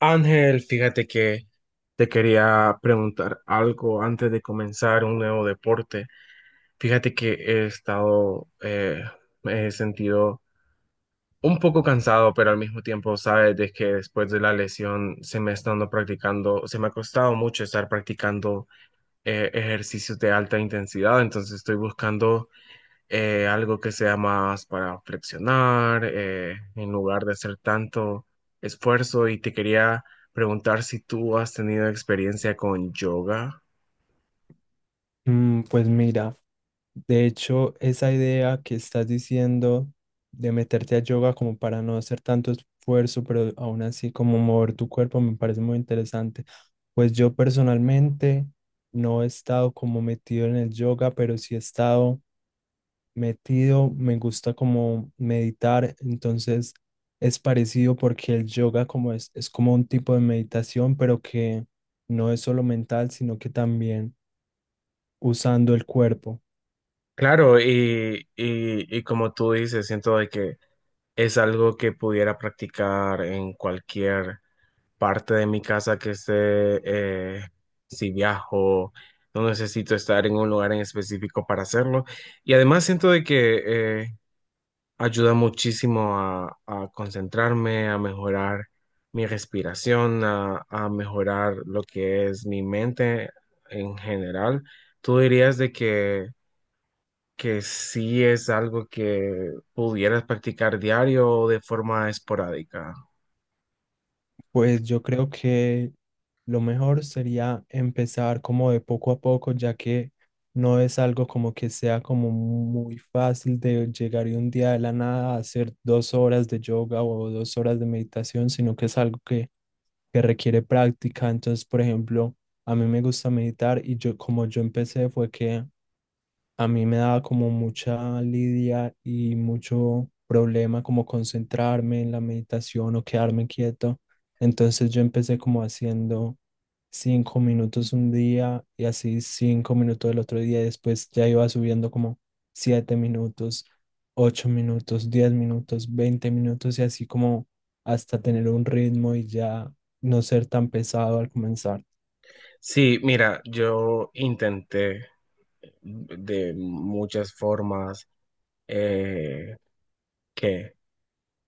Ángel, fíjate que te quería preguntar algo antes de comenzar un nuevo deporte. Fíjate que he estado, me he sentido un poco cansado, pero al mismo tiempo, sabes, de que después de la lesión se me ha estado practicando, se me ha costado mucho estar practicando ejercicios de alta intensidad, entonces estoy buscando algo que sea más para flexionar, en lugar de hacer tanto esfuerzo. Y te quería preguntar si tú has tenido experiencia con yoga. Pues mira, de hecho, esa idea que estás diciendo de meterte a yoga como para no hacer tanto esfuerzo, pero aún así como mover tu cuerpo me parece muy interesante. Pues yo personalmente no he estado como metido en el yoga, pero sí he estado metido, me gusta como meditar, entonces es parecido porque el yoga como es como un tipo de meditación, pero que no es solo mental, sino que también usando el cuerpo. Claro, y como tú dices, siento de que es algo que pudiera practicar en cualquier parte de mi casa que esté, si viajo, no necesito estar en un lugar en específico para hacerlo. Y además siento de que eh, ayuda muchísimo a concentrarme, a mejorar mi respiración, a mejorar lo que es mi mente en general. ¿Tú dirías de que sí es algo que pudieras practicar diario o de forma esporádica? Pues yo creo que lo mejor sería empezar como de poco a poco, ya que no es algo como que sea como muy fácil de llegar y un día de la nada a hacer dos horas de yoga o dos horas de meditación, sino que es algo que requiere práctica. Entonces, por ejemplo, a mí me gusta meditar y yo como yo empecé fue que a mí me daba como mucha lidia y mucho problema como concentrarme en la meditación o quedarme quieto. Entonces yo empecé como haciendo cinco minutos un día y así cinco minutos el otro día y después ya iba subiendo como siete minutos, ocho minutos, diez minutos, veinte minutos y así como hasta tener un ritmo y ya no ser tan pesado al comenzar. Sí, mira, yo intenté de muchas formas eh, que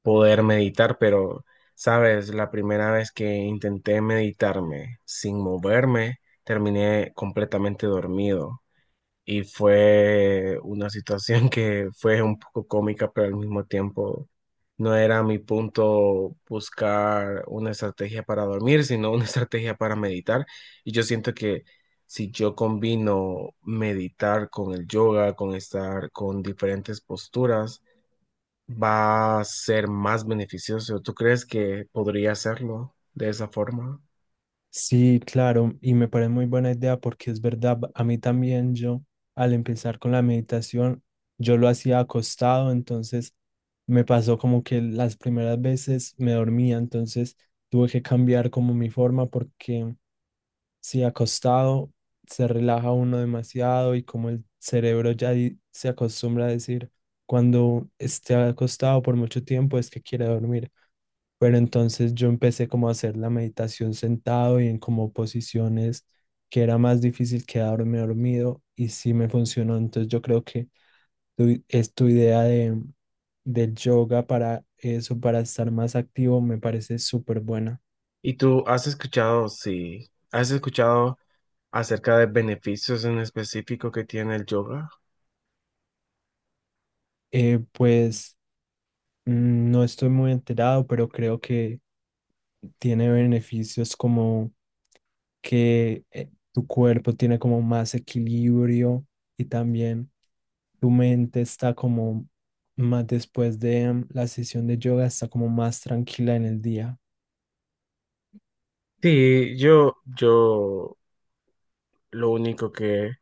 poder meditar, pero, sabes, la primera vez que intenté meditarme sin moverme, terminé completamente dormido y fue una situación que fue un poco cómica, pero al mismo tiempo no era mi punto buscar una estrategia para dormir, sino una estrategia para meditar. Y yo siento que si yo combino meditar con el yoga, con estar con diferentes posturas, va a ser más beneficioso. ¿Tú crees que podría hacerlo de esa forma? Sí, claro, y me parece muy buena idea porque es verdad, a mí también yo al empezar con la meditación, yo lo hacía acostado, entonces me pasó como que las primeras veces me dormía, entonces tuve que cambiar como mi forma porque si acostado se relaja uno demasiado y como el cerebro ya se acostumbra a decir cuando esté acostado por mucho tiempo es que quiere dormir. Pero entonces yo empecé como a hacer la meditación sentado y en como posiciones que era más difícil quedarme dormido y sí me funcionó. Entonces yo creo que es tu idea del yoga para eso, para estar más activo, me parece súper buena. ¿Y tú has escuchado, si has escuchado acerca de beneficios en específico que tiene el yoga? Eh, pues No estoy muy enterado, pero creo que tiene beneficios como que tu cuerpo tiene como más equilibrio y también tu mente está como más después de la sesión de yoga, está como más tranquila en el día. Sí, yo lo único que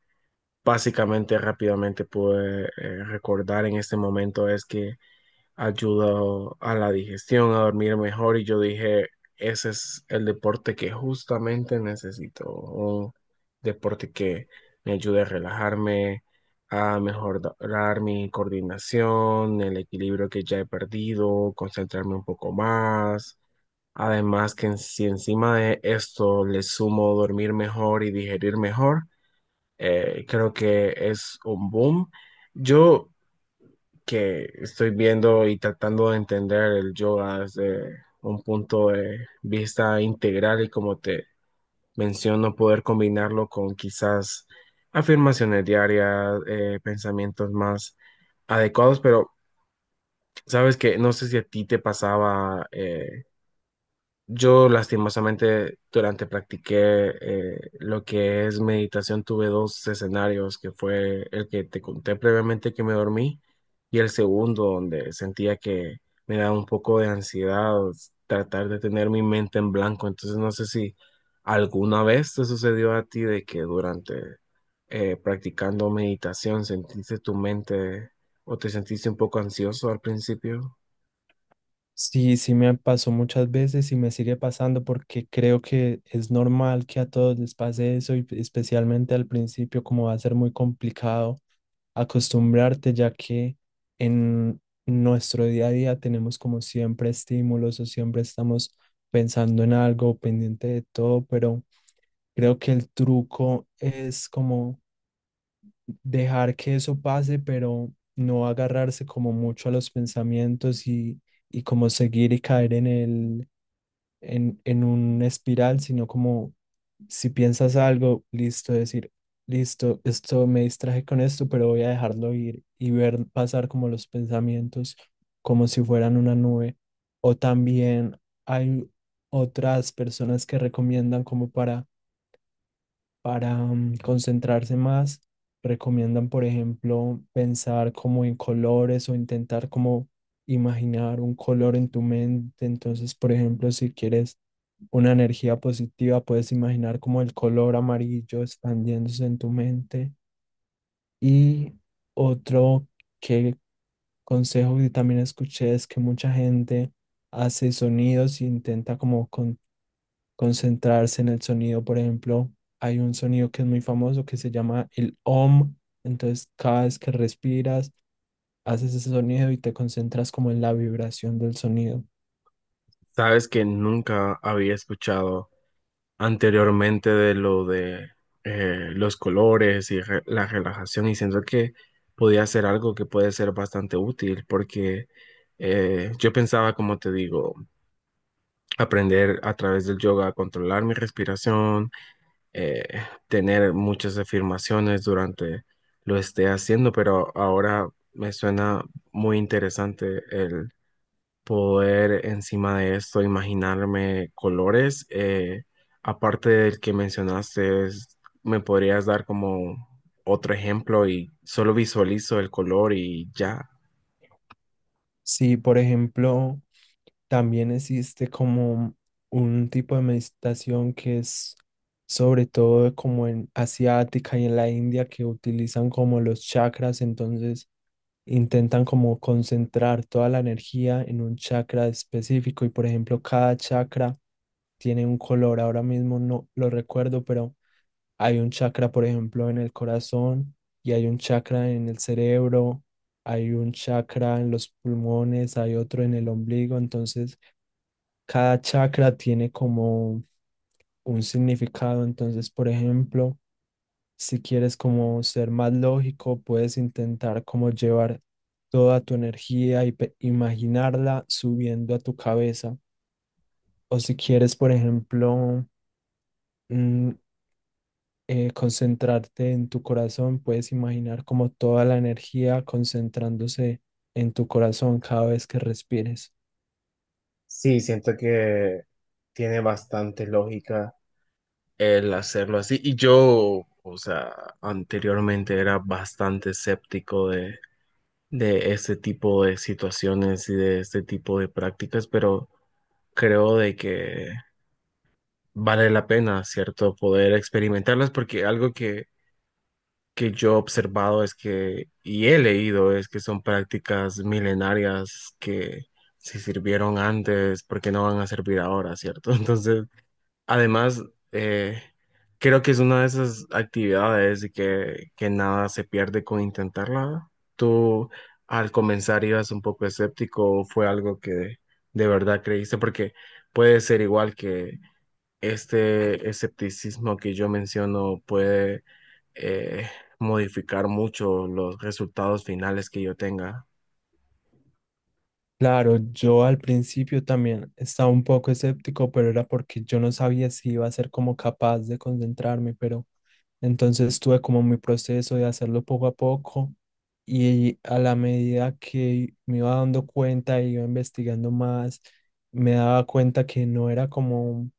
básicamente rápidamente pude recordar en este momento es que ayudó a la digestión, a dormir mejor y yo dije, ese es el deporte que justamente necesito, un deporte que me ayude a relajarme, a mejorar mi coordinación, el equilibrio que ya he perdido, concentrarme un poco más. Además que en- si encima de esto le sumo dormir mejor y digerir mejor, creo que es un boom. Yo que estoy viendo y tratando de entender el yoga desde un punto de vista integral y como te menciono, poder combinarlo con quizás afirmaciones diarias, pensamientos más adecuados, pero sabes que no sé si a ti te pasaba yo lastimosamente durante practiqué lo que es meditación tuve dos escenarios, que fue el que te conté previamente que me dormí y el segundo donde sentía que me daba un poco de ansiedad tratar de tener mi mente en blanco. Entonces no sé si alguna vez te sucedió a ti de que durante practicando meditación sentiste tu mente o te sentiste un poco ansioso al principio. Sí, me pasó muchas veces y me sigue pasando porque creo que es normal que a todos les pase eso y especialmente al principio como va a ser muy complicado acostumbrarte, ya que en nuestro día a día tenemos como siempre estímulos o siempre estamos pensando en algo, pendiente de todo, pero creo que el truco es como dejar que eso pase, pero no agarrarse como mucho a los pensamientos y como seguir y caer en en un espiral, sino como si piensas algo, listo, decir, listo, esto me distraje con esto, pero voy a dejarlo ir y ver pasar como los pensamientos como si fueran una nube. O también hay otras personas que recomiendan como para concentrarse más, recomiendan, por ejemplo, pensar como en colores o intentar como imaginar un color en tu mente. Entonces, por ejemplo, si quieres una energía positiva, puedes imaginar como el color amarillo expandiéndose en tu mente. Y otro que consejo que también escuché es que mucha gente hace sonidos e intenta como concentrarse en el sonido. Por ejemplo, hay un sonido que es muy famoso que se llama el OM. Entonces, cada vez que respiras, haces ese sonido y te concentras como en la vibración del sonido. Sabes que nunca había escuchado anteriormente de lo de los colores y re- la relajación y siento que podía ser algo que puede ser bastante útil porque yo pensaba, como te digo, aprender a través del yoga a controlar mi respiración, eh, tener muchas afirmaciones durante lo esté haciendo, pero ahora me suena muy interesante poder encima de esto imaginarme colores. Aparte del que mencionaste, es- ¿me podrías dar como otro ejemplo y solo visualizo el color y ya? Si, por ejemplo, también existe como un tipo de meditación que es sobre todo como en asiática y en la India que utilizan como los chakras, entonces intentan como concentrar toda la energía en un chakra específico y por ejemplo cada chakra tiene un color, ahora mismo no lo recuerdo, pero hay un chakra por ejemplo en el corazón y hay un chakra en el cerebro, hay un chakra en los pulmones, hay otro en el ombligo, entonces cada chakra tiene como un significado, entonces, por ejemplo, si quieres como ser más lógico, puedes intentar como llevar toda tu energía y imaginarla subiendo a tu cabeza. O si quieres, por ejemplo, mm, concentrarte en tu corazón, puedes imaginar como toda la energía concentrándose en tu corazón cada vez que respires. Sí, siento que tiene bastante lógica el hacerlo así. Y yo, o sea, anteriormente era bastante escéptico de este tipo de situaciones y de este tipo de prácticas, pero creo de que vale la pena, ¿cierto? Poder experimentarlas porque algo que yo he observado es que, y he leído, es que son prácticas milenarias que si sirvieron antes, ¿por qué no van a servir ahora, ¿cierto? Entonces, además, eh, creo que es una de esas actividades de que nada se pierde con intentarla. ¿Tú al comenzar ibas un poco escéptico o fue algo que de verdad creíste? Porque puede ser igual que este escepticismo que yo menciono puede eh, modificar mucho los resultados finales que yo tenga. Claro, yo al principio también estaba un poco escéptico, pero era porque yo no sabía si iba a ser como capaz de concentrarme, pero... Entonces tuve como mi proceso de hacerlo poco a poco y a la medida que me iba dando cuenta y iba investigando más, me daba cuenta que no era como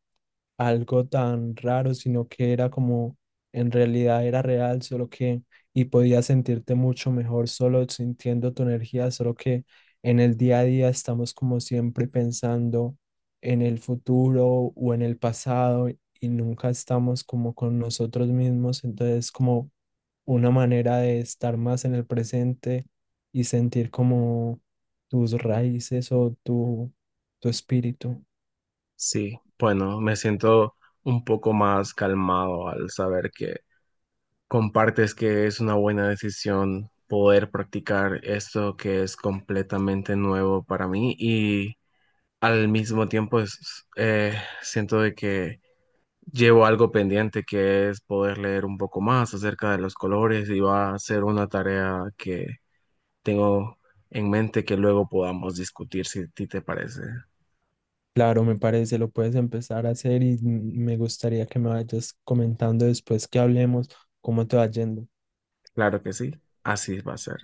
algo tan raro, sino que era como en realidad era real, solo que y podías sentirte mucho mejor solo sintiendo tu energía, solo que en el día a día estamos como siempre pensando en el futuro o en el pasado y nunca estamos como con nosotros mismos, entonces como una manera de estar más en el presente y sentir como tus raíces o tu espíritu. Sí, bueno, me siento un poco más calmado al saber que compartes que es una buena decisión poder practicar esto que es completamente nuevo para mí y al mismo tiempo es- siento de que llevo algo pendiente que es poder leer un poco más acerca de los colores y va a ser una tarea que tengo en mente que luego podamos discutir si a ti te parece. Claro, me parece, lo puedes empezar a hacer y me gustaría que me vayas comentando después que hablemos cómo te va yendo. Claro que sí, así va a ser.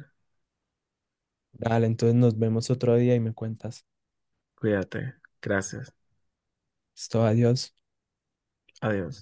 Dale, entonces nos vemos otro día y me cuentas. Cuídate. Gracias. Esto, adiós. Adiós.